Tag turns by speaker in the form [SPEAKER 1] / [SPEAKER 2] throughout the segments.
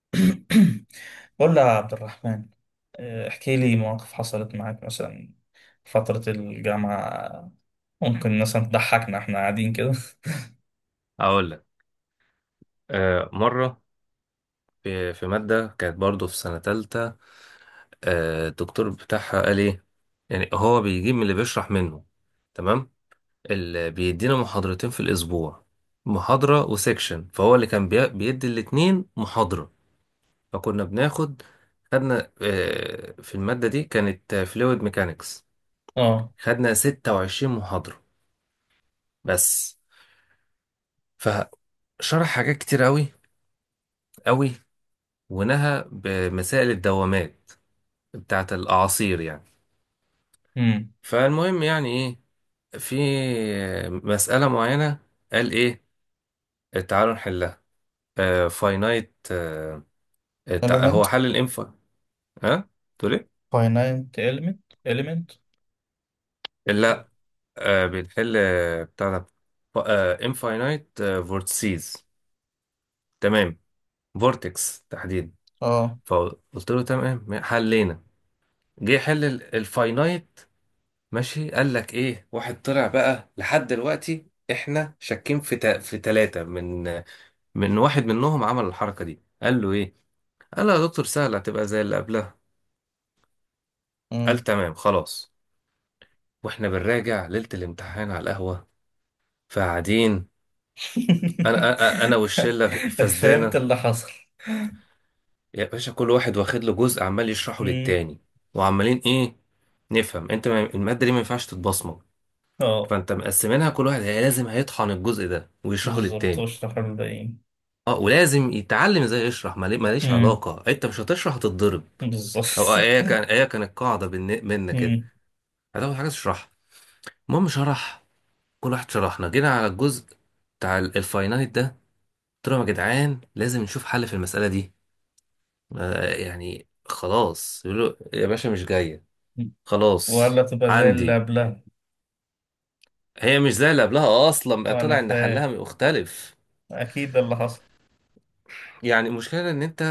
[SPEAKER 1] قول لي يا عبد الرحمن. احكي لي مواقف حصلت معاك مثلا فترة الجامعة. ممكن مثلا تضحكنا احنا قاعدين كده؟
[SPEAKER 2] اقول لك، مره في ماده كانت برضو في سنه تالتة. الدكتور بتاعها قال ايه؟ يعني هو بيجيب من اللي بيشرح منه. تمام. اللي بيدينا محاضرتين في الاسبوع، محاضره وسيكشن، فهو اللي كان بيدي الاتنين محاضره. فكنا خدنا، في الماده دي، كانت فلويد ميكانيكس.
[SPEAKER 1] اه.
[SPEAKER 2] خدنا 26 محاضره بس. فشرح حاجات كتير قوي قوي، ونهى بمسائل الدوامات بتاعت الأعاصير يعني.
[SPEAKER 1] امم.
[SPEAKER 2] فالمهم يعني إيه، في مسألة معينة، قال إيه، تعالوا نحلها. فاينايت
[SPEAKER 1] element.
[SPEAKER 2] هو حل الإنفا. ها، تقول إيه؟
[SPEAKER 1] finite element. element.
[SPEAKER 2] لا، بنحل بتاع ده. انفاينايت فورتسيز، تمام، فورتكس تحديدا.
[SPEAKER 1] اه.
[SPEAKER 2] فقلت له تمام حلينا. جه يحل الفاينايت. ماشي، قال لك ايه؟ واحد طلع بقى، لحد دلوقتي احنا شاكين في في ثلاثة، من واحد منهم عمل الحركة دي. قال له ايه؟ قال له يا دكتور سهلة، هتبقى زي اللي قبلها. قال
[SPEAKER 1] مم.
[SPEAKER 2] تمام خلاص. واحنا بنراجع ليلة الامتحان على القهوة، فقاعدين. انا انا أنا والشلة
[SPEAKER 1] فهمت
[SPEAKER 2] الفسدانة،
[SPEAKER 1] اللي حصل.
[SPEAKER 2] يا باشا، كل واحد واخد له جزء، عمال يشرحه
[SPEAKER 1] امم.
[SPEAKER 2] للتاني. وعمالين ايه؟ نفهم. انت المادة دي ما ينفعش تتبصمج.
[SPEAKER 1] اه،
[SPEAKER 2] فانت مقسمينها، كل واحد لازم هيطحن الجزء ده ويشرحه
[SPEAKER 1] بالظبط
[SPEAKER 2] للتاني.
[SPEAKER 1] واشرح الباقيين.
[SPEAKER 2] اه، ولازم يتعلم ازاي يشرح، ماليش
[SPEAKER 1] امم.
[SPEAKER 2] علاقة، انت مش هتشرح هتتضرب. او
[SPEAKER 1] بالظبط.
[SPEAKER 2] ايه كانت قاعدة منك كده.
[SPEAKER 1] امم
[SPEAKER 2] هتاخد حاجة تشرحها. المهم شرح، كل واحد شرحنا، جينا على الجزء بتاع الفاينانت ده. قلت لهم يا جدعان لازم نشوف حل في المسألة دي. يعني خلاص يقولوا يا باشا مش جاية،
[SPEAKER 1] ولا
[SPEAKER 2] خلاص
[SPEAKER 1] تبقى زي اللي
[SPEAKER 2] عندي.
[SPEAKER 1] قبلها.
[SPEAKER 2] هي مش زي اللي قبلها اصلا، بقى
[SPEAKER 1] انا
[SPEAKER 2] طلع ان حلها
[SPEAKER 1] فاهم،
[SPEAKER 2] مختلف.
[SPEAKER 1] اكيد ده اللي حصل.
[SPEAKER 2] يعني المشكلة ان انت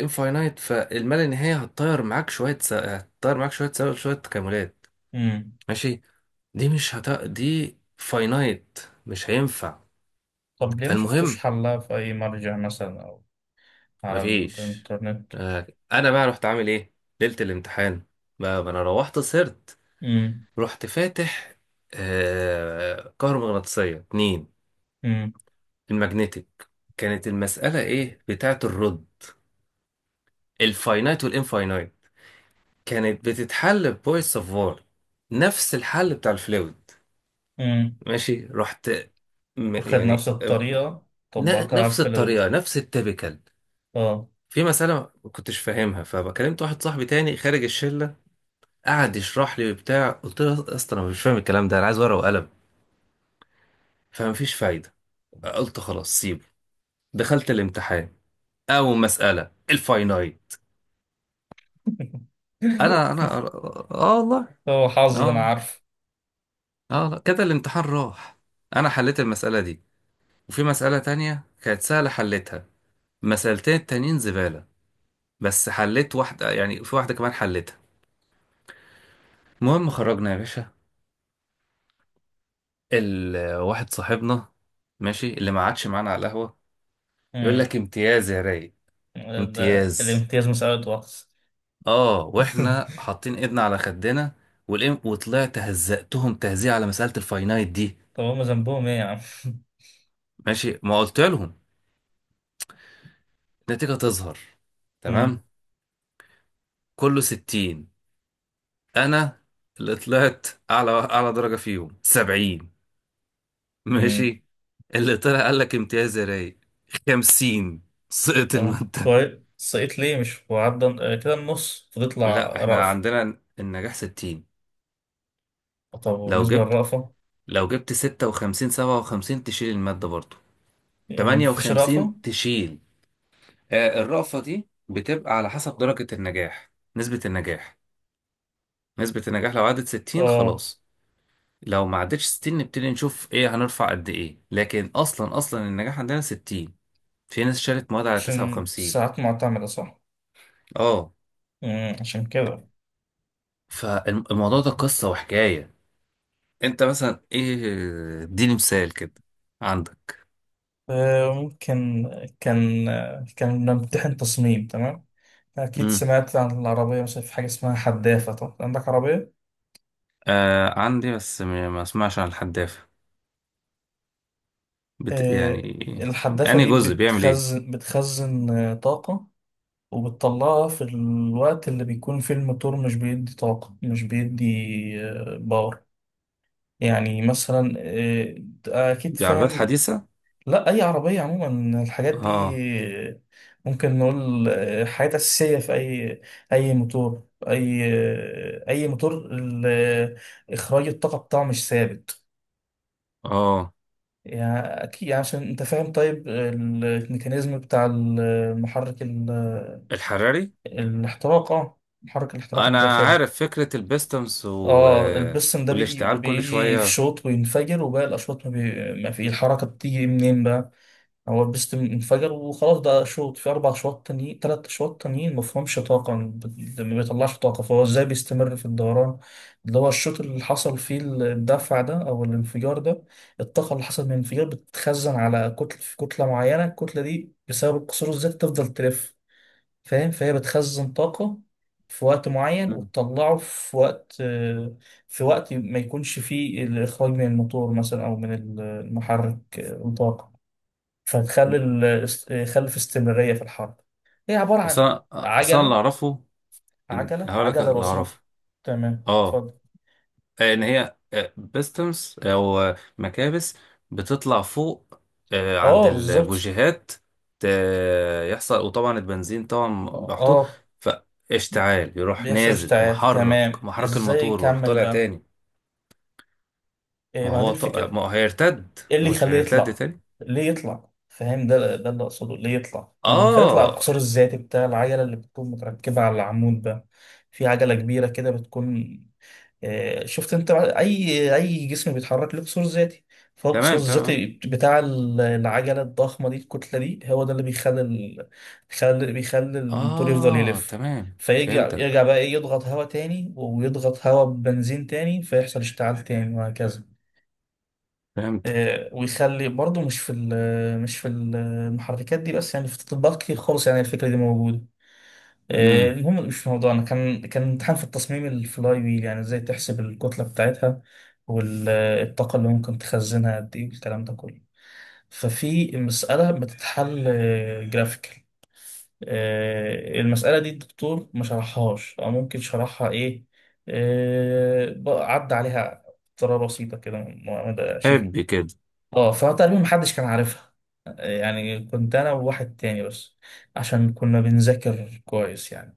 [SPEAKER 2] انفاينايت، فالما لا نهاية هتطير معاك شوية شوية تكاملات.
[SPEAKER 1] مم.
[SPEAKER 2] ماشي، دي فاينايت، مش هينفع.
[SPEAKER 1] طب ليه ما شفتوش
[SPEAKER 2] فالمهم
[SPEAKER 1] حلها في أي مرجع مثلا أو على
[SPEAKER 2] مفيش.
[SPEAKER 1] الإنترنت؟
[SPEAKER 2] انا بقى رحت عامل ايه؟ ليله الامتحان بقى، ما انا روحت سهرت.
[SPEAKER 1] مم.
[SPEAKER 2] رحت فاتح كهرومغناطيسيه اتنين،
[SPEAKER 1] مم.
[SPEAKER 2] الماجنتيك. كانت المساله ايه؟ بتاعه الرد، الفاينايت والانفاينايت، كانت بتتحل ببويس سافار، نفس الحل بتاع الفلويد.
[SPEAKER 1] مم.
[SPEAKER 2] ماشي، رحت،
[SPEAKER 1] واخد
[SPEAKER 2] يعني
[SPEAKER 1] نفس الطريقة، طبقتها على
[SPEAKER 2] نفس الطريقه،
[SPEAKER 1] الفلود.
[SPEAKER 2] نفس التبكال.
[SPEAKER 1] اه.
[SPEAKER 2] في مسألة ما كنتش فاهمها، فكلمت واحد صاحبي تاني خارج الشلة، قعد يشرح لي وبتاع. قلت له يا اسطى انا مش فاهم الكلام ده، انا عايز ورقه وقلم. فمفيش فايده، قلت خلاص سيبه. دخلت الامتحان، اول مساله الفاينايت. انا انا اه آه، والله،
[SPEAKER 1] هو حظ ده،
[SPEAKER 2] اه
[SPEAKER 1] أنا
[SPEAKER 2] والله،
[SPEAKER 1] عارف.
[SPEAKER 2] اه والله، كده الامتحان راح. انا حليت المساله دي، وفي مساله تانية كانت سهله حليتها، مسالتين التانيين زباله. بس حليت واحده، يعني في واحده كمان حليتها. المهم خرجنا يا باشا، واحد صاحبنا ماشي، اللي ما عادش معانا على القهوه، يقول
[SPEAKER 1] مم.
[SPEAKER 2] لك امتياز يا رايق،
[SPEAKER 1] ده
[SPEAKER 2] امتياز.
[SPEAKER 1] الامتياز مسألة وقت.
[SPEAKER 2] اه، واحنا حاطين ايدنا على خدنا والام. وطلعت هزقتهم تهزيء على مسألة الفاينايت دي.
[SPEAKER 1] طب هما ذنبهم إيه يا عم؟
[SPEAKER 2] ماشي، ما قلت لهم النتيجة تظهر.
[SPEAKER 1] مم.
[SPEAKER 2] تمام، كله 60، انا، اللي طلعت اعلى درجة فيهم 70.
[SPEAKER 1] مم.
[SPEAKER 2] ماشي، اللي طلع قال لك امتياز يا رايق 50، سقط
[SPEAKER 1] طب
[SPEAKER 2] المادة.
[SPEAKER 1] كويس، سقيت ليه مش وعدى كده النص فتطلع
[SPEAKER 2] لا، احنا
[SPEAKER 1] رأفة.
[SPEAKER 2] عندنا النجاح 60.
[SPEAKER 1] طب
[SPEAKER 2] لو
[SPEAKER 1] وبالنسبة
[SPEAKER 2] جبت
[SPEAKER 1] للرأفة؟
[SPEAKER 2] لو جبت 56 57 تشيل المادة برضو،
[SPEAKER 1] يعني مفيش رأفة؟
[SPEAKER 2] 58 تشيل. الرأفة دي بتبقى على حسب درجة النجاح نسبة النجاح. نسبة النجاح لو عدت 60
[SPEAKER 1] اه،
[SPEAKER 2] خلاص، لو ما عدتش 60 نبتدي نشوف ايه هنرفع قد ايه، لكن اصلا اصلا النجاح عندنا 60. في ناس شالت مواد على
[SPEAKER 1] عشان
[SPEAKER 2] 59.
[SPEAKER 1] ساعات معتمدة صح؟
[SPEAKER 2] اه،
[SPEAKER 1] مم، عشان كده.
[SPEAKER 2] فالموضوع ده قصة وحكاية. انت مثلا ايه، اديني مثال كده، عندك.
[SPEAKER 1] ممكن. كان بنمتحن تصميم. تمام، أكيد
[SPEAKER 2] امم
[SPEAKER 1] سمعت عن العربية، مثلا في حاجة اسمها حدافة. طب عندك عربية.
[SPEAKER 2] عندي، بس ما اسمعش عن الحدافة.
[SPEAKER 1] آه،
[SPEAKER 2] يعني
[SPEAKER 1] الحدافة
[SPEAKER 2] انهي
[SPEAKER 1] دي
[SPEAKER 2] جزء بيعمل ايه؟
[SPEAKER 1] بتخزن طاقة، وبتطلعها في الوقت اللي بيكون فيه الموتور مش بيدي طاقة، مش بيدي باور. يعني مثلا، أكيد
[SPEAKER 2] دي عربيات
[SPEAKER 1] فاهم.
[SPEAKER 2] حديثة؟
[SPEAKER 1] لا، اي عربيه عموما الحاجات دي.
[SPEAKER 2] اه.
[SPEAKER 1] ممكن نقول حاجات اساسيه في اي اي موتور، اي موتور اخراج الطاقه بتاعه مش ثابت.
[SPEAKER 2] اه،
[SPEAKER 1] يعني اكيد يعني عشان انت فاهم. طيب الميكانيزم بتاع المحرك
[SPEAKER 2] الحراري.
[SPEAKER 1] الاحتراق. اه، محرك الاحتراق
[SPEAKER 2] انا
[SPEAKER 1] الداخلي.
[SPEAKER 2] عارف فكرة البيستمز
[SPEAKER 1] اه البستم ده بيجي
[SPEAKER 2] والاشتعال كل
[SPEAKER 1] بيجي في
[SPEAKER 2] شوية.
[SPEAKER 1] شوط وينفجر، وباقي الاشواط ما, بي... ما في الحركه بتيجي منين بقى؟ هو بيست انفجر وخلاص، ده شوط. في أربع شواط تانيين تلات شواط تانيين مفهومش طاقة، ما بيطلعش طاقة. فهو إزاي بيستمر في الدوران؟ اللي هو الشوط اللي حصل فيه الدفع ده أو الانفجار ده، الطاقة اللي حصل من الانفجار بتتخزن على كتلة، في كتلة معينة. الكتلة دي بسبب القصور الذاتي تفضل تلف، فاهم؟ فهي بتخزن طاقة في وقت معين
[SPEAKER 2] مم.
[SPEAKER 1] وتطلعه في وقت ما يكونش فيه الإخراج من الموتور مثلا أو من المحرك طاقة. فنخلي ال... خلي في استمرارية في الحرب. هي عبارة عن
[SPEAKER 2] اصلا اصلا اللي
[SPEAKER 1] عجلة،
[SPEAKER 2] اعرفه،
[SPEAKER 1] عجلة
[SPEAKER 2] هقول لك
[SPEAKER 1] عجلة
[SPEAKER 2] اللي
[SPEAKER 1] بسيطة.
[SPEAKER 2] اعرفه.
[SPEAKER 1] تمام،
[SPEAKER 2] اه،
[SPEAKER 1] اتفضل.
[SPEAKER 2] ان هي بيستمز او مكابس بتطلع فوق عند
[SPEAKER 1] اه، بالظبط.
[SPEAKER 2] البوجيهات، ت- يحصل، وطبعا البنزين طبعا محطوط،
[SPEAKER 1] اه،
[SPEAKER 2] فاشتعال، يروح
[SPEAKER 1] بيحصل
[SPEAKER 2] نازل
[SPEAKER 1] اشتعال.
[SPEAKER 2] محرك
[SPEAKER 1] تمام،
[SPEAKER 2] محرك
[SPEAKER 1] ازاي
[SPEAKER 2] الموتور، ويروح
[SPEAKER 1] يكمل
[SPEAKER 2] طالع
[SPEAKER 1] بقى؟
[SPEAKER 2] تاني.
[SPEAKER 1] إيه، ما دي الفكرة. ايه
[SPEAKER 2] ما
[SPEAKER 1] اللي
[SPEAKER 2] هو مش
[SPEAKER 1] يخليه
[SPEAKER 2] هيرتد
[SPEAKER 1] يطلع؟
[SPEAKER 2] تاني.
[SPEAKER 1] ليه يطلع؟ فاهم؟ ده اللي اقصده، ليه يطلع؟ اللي بيخليه يطلع
[SPEAKER 2] اه،
[SPEAKER 1] القصار الذاتي بتاع العجلة اللي بتكون متركبة على العمود ده. في عجلة كبيرة كده بتكون، شفت؟ انت اي اي جسم بيتحرك له قصور ذاتي. فهو القصور
[SPEAKER 2] تمام
[SPEAKER 1] الذاتي
[SPEAKER 2] تمام.
[SPEAKER 1] بتاع العجله الضخمه دي، الكتله دي، هو ده اللي بيخلي ال... بيخلي الموتور يفضل يلف.
[SPEAKER 2] تمام،
[SPEAKER 1] فيرجع
[SPEAKER 2] فهمتك.
[SPEAKER 1] يرجع بقى ايه، يضغط هواء تاني ويضغط هواء ببنزين تاني، فيحصل اشتعال تاني وهكذا.
[SPEAKER 2] فهمتك.
[SPEAKER 1] ويخلي برضه، مش في مش في المحركات دي بس، يعني في التطبيقات كتير خالص يعني الفكره دي موجوده.
[SPEAKER 2] امم
[SPEAKER 1] المهم مش في موضوعنا. كان امتحان في التصميم، الفلاي ويل، يعني ازاي تحسب الكتلة بتاعتها والطاقة اللي ممكن تخزنها قد ايه والكلام ده كله. ففي مسألة بتتحل جرافيكال. المسألة دي الدكتور ما شرحهاش أو ممكن شرحها إيه، بقى عدى عليها بطريقة بسيطة كده معتمدة شبه.
[SPEAKER 2] حب كده.
[SPEAKER 1] اه، فتقريبا محدش كان عارفها. يعني كنت أنا وواحد تاني بس عشان كنا بنذاكر كويس يعني.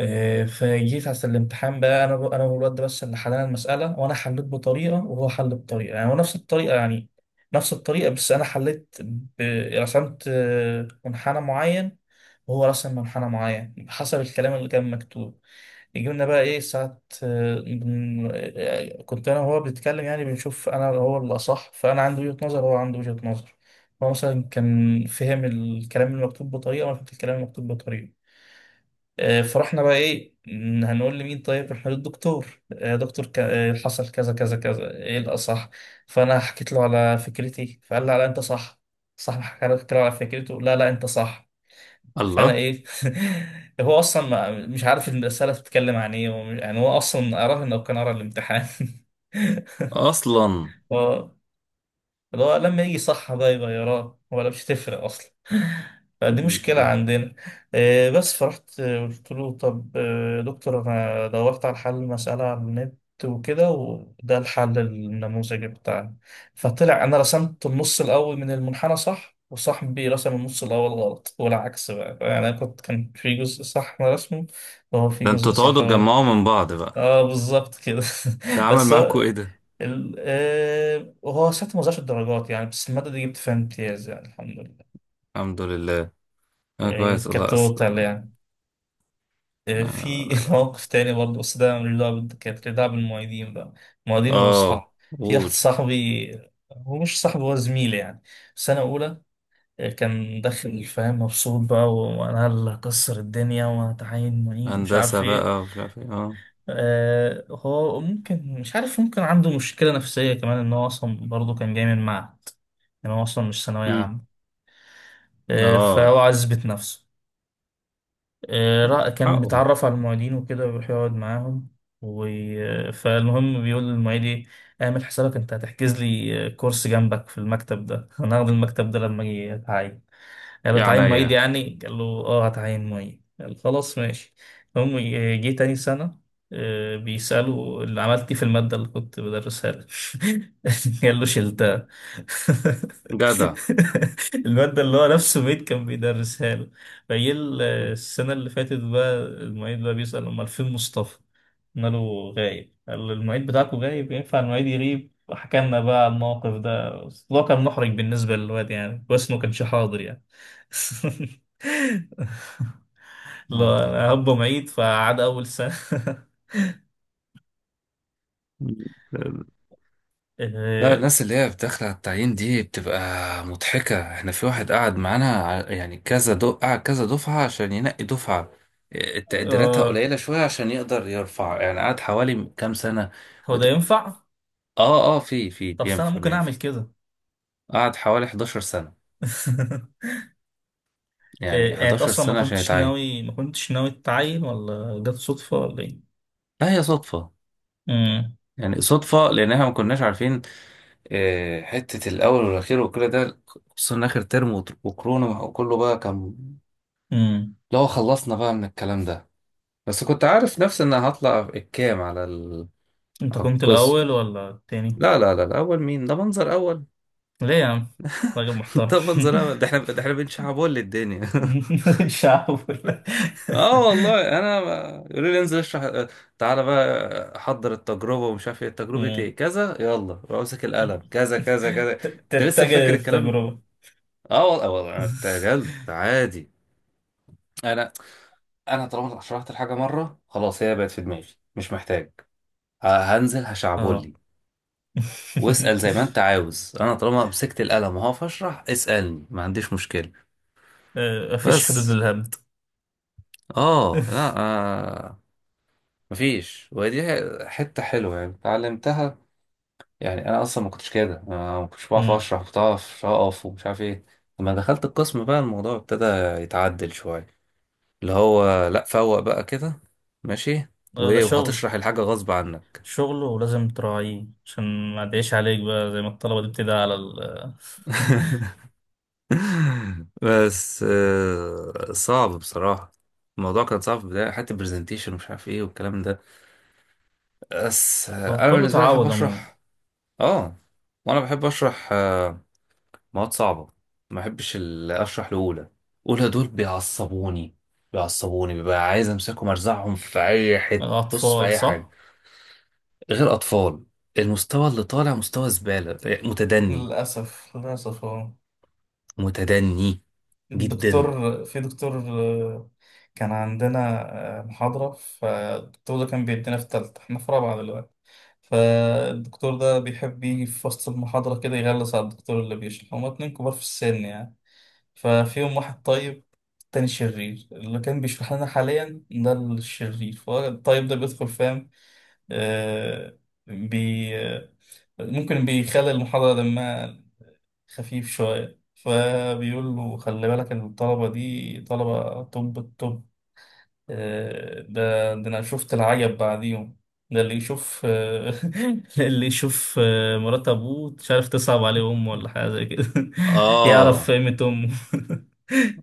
[SPEAKER 1] فجيت عشان الامتحان بقى، انا والواد ده بس اللي حلنا المساله. وانا حليت بطريقه وهو حل بطريقه، يعني هو نفس الطريقه يعني. نفس الطريقه، بس انا حليت ب... رسمت منحنى معين، وهو رسم منحنى معين حسب الكلام اللي كان مكتوب. جبنا بقى ايه ساعة، كنت انا وهو بنتكلم يعني، بنشوف انا هو اللي اصح. فانا عندي وجهة نظر وهو عنده وجهة نظر. هو مثلا كان فهم الكلام المكتوب بطريقة وانا فهمت الكلام المكتوب بطريقة. فرحنا بقى ايه، هنقول لمين؟ طيب رحنا للدكتور. يا دكتور، حصل كذا كذا كذا، ايه الاصح؟ فانا حكيت له على فكرتي، فقال لا لا، انت صح. صح، حكى له حكيت له على فكرته، لا لا انت صح. فانا
[SPEAKER 2] الله.
[SPEAKER 1] ايه؟ هو اصلا مش عارف الرساله بتتكلم عن ايه، يعني هو اصلا قراها؟ لو كان قرا الامتحان
[SPEAKER 2] أصلا.
[SPEAKER 1] هو اللي هو لما يجي صح بقى يغيرها، ولا مش تفرق اصلا. فدي مشكلة
[SPEAKER 2] ده
[SPEAKER 1] عندنا. بس فرحت. قلت له طب، دكتور، أنا دورت على حل المسألة على النت وكده، وده الحل النموذجي بتاعنا. فطلع أنا رسمت النص الأول من المنحنى صح، وصاحبي رسم النص الأول غلط، والعكس بقى. يعني أنا كنت كان في جزء صح أنا رسمه، وهو في
[SPEAKER 2] ده
[SPEAKER 1] جزء
[SPEAKER 2] انتوا
[SPEAKER 1] صح
[SPEAKER 2] تقعدوا
[SPEAKER 1] هو.
[SPEAKER 2] تجمعوا من بعض بقى؟
[SPEAKER 1] اه، بالظبط كده.
[SPEAKER 2] ده عمل
[SPEAKER 1] بس
[SPEAKER 2] معاكوا
[SPEAKER 1] هو
[SPEAKER 2] إيه ده؟
[SPEAKER 1] وهو ساعتها ما زادش الدرجات يعني، بس المادة دي جبت فيها امتياز يعني، الحمد لله.
[SPEAKER 2] الحمد لله. أنا
[SPEAKER 1] يعني
[SPEAKER 2] كويس
[SPEAKER 1] كانت
[SPEAKER 2] والله،
[SPEAKER 1] توتال
[SPEAKER 2] لا.
[SPEAKER 1] يعني.
[SPEAKER 2] لا
[SPEAKER 1] في
[SPEAKER 2] لا لا لا.
[SPEAKER 1] موقف تاني برضه، بس ده ملوش دعوة كانت ليها دعوة بالمعيدين بقى. معيدين
[SPEAKER 2] آه
[SPEAKER 1] وصحاب. في واحد
[SPEAKER 2] قول.
[SPEAKER 1] صاحبي، هو مش صاحبي، هو زميلي يعني، في سنة أولى. كان داخل فاهم مبسوط بقى، وأنا اللي هكسر الدنيا وهتعين معيد ومش عارف
[SPEAKER 2] هندسة
[SPEAKER 1] إيه.
[SPEAKER 2] بقى ومش عارف إيه.
[SPEAKER 1] هو ممكن مش عارف، ممكن عنده مشكلة نفسية كمان إن هو أصلا برضه كان جاي من معهد، يعني هو أصلا مش ثانوية
[SPEAKER 2] امم
[SPEAKER 1] عامة. فهو
[SPEAKER 2] آه
[SPEAKER 1] عايز يثبت نفسه. كان
[SPEAKER 2] حقه.
[SPEAKER 1] متعرف على المعيدين وكده، ويروح يقعد معاهم و... فالمهم بيقول للمعيد ايه: اعمل حسابك، انت هتحجز لي كورس جنبك في المكتب ده انا هاخد المكتب ده لما اجي اتعين. قال له
[SPEAKER 2] يا
[SPEAKER 1] تعين معيد
[SPEAKER 2] عينيا،
[SPEAKER 1] يعني؟ قال له اه، هتعين معيد. قال خلاص ماشي. جه تاني سنة، بيسألوا اللي عملت إيه في المادة اللي كنت بدرسها لك. قال له شلتها.
[SPEAKER 2] جدع.
[SPEAKER 1] المادة اللي هو نفسه ميت كان بيدرسها له. فجه
[SPEAKER 2] مم.
[SPEAKER 1] السنة اللي فاتت بقى المعيد بقى بيسأل أمال فين مصطفى؟ قلنا له غايب. قال له المعيد بتاعكم غايب؟ ينفع المعيد يغيب؟ حكى لنا بقى على الموقف ده، بس هو كان محرج بالنسبة للواد، يعني كويس إنه ما كانش حاضر يعني. لا انا
[SPEAKER 2] آه
[SPEAKER 1] ابا معيد، فقعد اول سنه.
[SPEAKER 2] ده. لا،
[SPEAKER 1] إيه،
[SPEAKER 2] الناس اللي هي بتدخل على التعيين دي بتبقى مضحكة. احنا في واحد قعد معانا، يعني كذا قعد كذا دفعة عشان ينقي دفعة، إيه، تقديراتها
[SPEAKER 1] آه،
[SPEAKER 2] قليلة شوية عشان يقدر يرفع، يعني قعد حوالي كام سنة.
[SPEAKER 1] هو ده
[SPEAKER 2] وت-
[SPEAKER 1] ينفع.
[SPEAKER 2] اه اه، في
[SPEAKER 1] طب استنى،
[SPEAKER 2] بينفع
[SPEAKER 1] ممكن
[SPEAKER 2] بينفع.
[SPEAKER 1] اعمل كده.
[SPEAKER 2] قعد حوالي 11 سنة، يعني
[SPEAKER 1] إيه، يعني انت
[SPEAKER 2] 11
[SPEAKER 1] اصلا ما
[SPEAKER 2] سنة عشان
[SPEAKER 1] كنتش
[SPEAKER 2] يتعين.
[SPEAKER 1] ناوي ما كنتش ناوي تتعين ولا جت صدفه ولا ايه؟
[SPEAKER 2] لا، هي صدفة.
[SPEAKER 1] امم.
[SPEAKER 2] يعني صدفة، لأن احنا ما كناش عارفين حتة الأول والأخير وكل ده، خصوصا إن آخر ترم، وكورونا، وكله بقى كان.
[SPEAKER 1] امم.
[SPEAKER 2] لو خلصنا بقى من الكلام ده، بس كنت عارف نفسي ان هطلع الكام على
[SPEAKER 1] انت
[SPEAKER 2] على
[SPEAKER 1] كنت
[SPEAKER 2] القسم.
[SPEAKER 1] الاول ولا التاني؟
[SPEAKER 2] لا لا لا، الاول مين؟ ده منظر اول.
[SPEAKER 1] ليه يا عم، راجل محترم.
[SPEAKER 2] ده منظر اول، ده احنا بنشعبول للدنيا.
[SPEAKER 1] مش هحاول.
[SPEAKER 2] اه والله، انا يقولوا لي انزل اشرح، تعالى بقى حضر التجربه ومش عارف ايه، تجربه
[SPEAKER 1] أمم.
[SPEAKER 2] ايه كذا، يلا امسك القلم، كذا كذا كذا. انت لسه
[SPEAKER 1] تتجه
[SPEAKER 2] فاكر الكلام ده؟
[SPEAKER 1] التجربه.
[SPEAKER 2] اه والله، والله، انا ارتجلت عادي. انا انا طالما شرحت الحاجه مره، خلاص هي بقت في دماغي، مش محتاج. ه- هنزل
[SPEAKER 1] اه.
[SPEAKER 2] هشعبول، واسأل زي ما انت عاوز، انا طالما مسكت القلم وهقف اشرح، اسألني ما عنديش مشكلة.
[SPEAKER 1] مفيش حدود
[SPEAKER 2] بس
[SPEAKER 1] للهبد.
[SPEAKER 2] اه، لا مفيش. ودي حتة حلوة يعني، اتعلمتها. يعني انا اصلا ما كنتش كده، أنا ما كنتش بعرف
[SPEAKER 1] مم.
[SPEAKER 2] اشرح، كنت بعرف اقف ومش عارف ايه. لما دخلت القسم بقى، الموضوع ابتدى يتعدل شوية، اللي هو لا، فوق بقى كده. ماشي.
[SPEAKER 1] ده
[SPEAKER 2] وايه،
[SPEAKER 1] شغل،
[SPEAKER 2] وهتشرح الحاجة غصب عنك.
[SPEAKER 1] شغله ولازم تراعيه عشان ما تعيش عليك بقى زي ما الطلبة دي بتدعي على ال.
[SPEAKER 2] بس صعب بصراحة. الموضوع كان صعب في البداية، حتى برزنتيشن ومش عارف ايه والكلام ده. بس
[SPEAKER 1] هو
[SPEAKER 2] انا
[SPEAKER 1] كله
[SPEAKER 2] بالنسبة لي بحب
[SPEAKER 1] تعود عموما.
[SPEAKER 2] اشرح. اه، وانا بحب اشرح مواد صعبة. ما بحبش اشرح لأولى. أولى دول بيعصبوني، ببقى عايز امسكهم ارزعهم في اي حتة، بص في
[SPEAKER 1] الأطفال
[SPEAKER 2] اي حاجة.
[SPEAKER 1] صح؟
[SPEAKER 2] غير اطفال، المستوى اللي طالع مستوى زبالة، متدني،
[SPEAKER 1] للأسف للأسف، اه.
[SPEAKER 2] متدني جدا.
[SPEAKER 1] الدكتور، في دكتور كان عندنا محاضرة. فالدكتور ده كان بيدينا في تالتة، احنا في رابعة دلوقتي. فالدكتور ده بيحب يجي في وسط المحاضرة كده يغلس على الدكتور اللي بيشرح. هما اتنين كبار في السن يعني، ففيهم واحد طيب، التاني شرير. اللي كان بيشرح لنا حاليا ده الشرير، فهو الطيب ده بيدخل فاهم؟ آه بي آه، ممكن بيخلي المحاضرة دمها خفيف شوية. فبيقول له خلي بالك إن الطلبة دي طلبة طب، الطب. ده أنا شفت العجب بعديهم. ده اللي يشوف اللي يشوف مرات أبوه مش عارف، تصعب عليه أمه ولا حاجة زي كده. يعرف
[SPEAKER 2] اه،
[SPEAKER 1] قيمة أمه.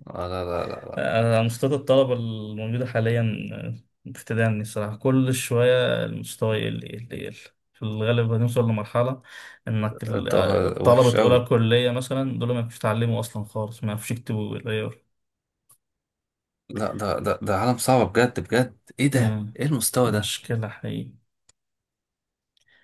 [SPEAKER 2] لا لا لا،
[SPEAKER 1] أنشطة الطلبة الموجودة حاليا بتدعمني الصراحة. كل شوية المستوى يقل يقل يقل. في الغالب هنوصل لمرحلة إنك
[SPEAKER 2] ده وحش
[SPEAKER 1] الطلبة أولى
[SPEAKER 2] قوي.
[SPEAKER 1] كلية مثلا دول ما يعرفوش يتعلموا أصلا خالص، ما يعرفوش يكتبوا بالعيار.
[SPEAKER 2] لا، ده عالم صعب بجد بجد. ايه ده،
[SPEAKER 1] مم.
[SPEAKER 2] ايه المستوى ده؟
[SPEAKER 1] مشكلة حقيقية.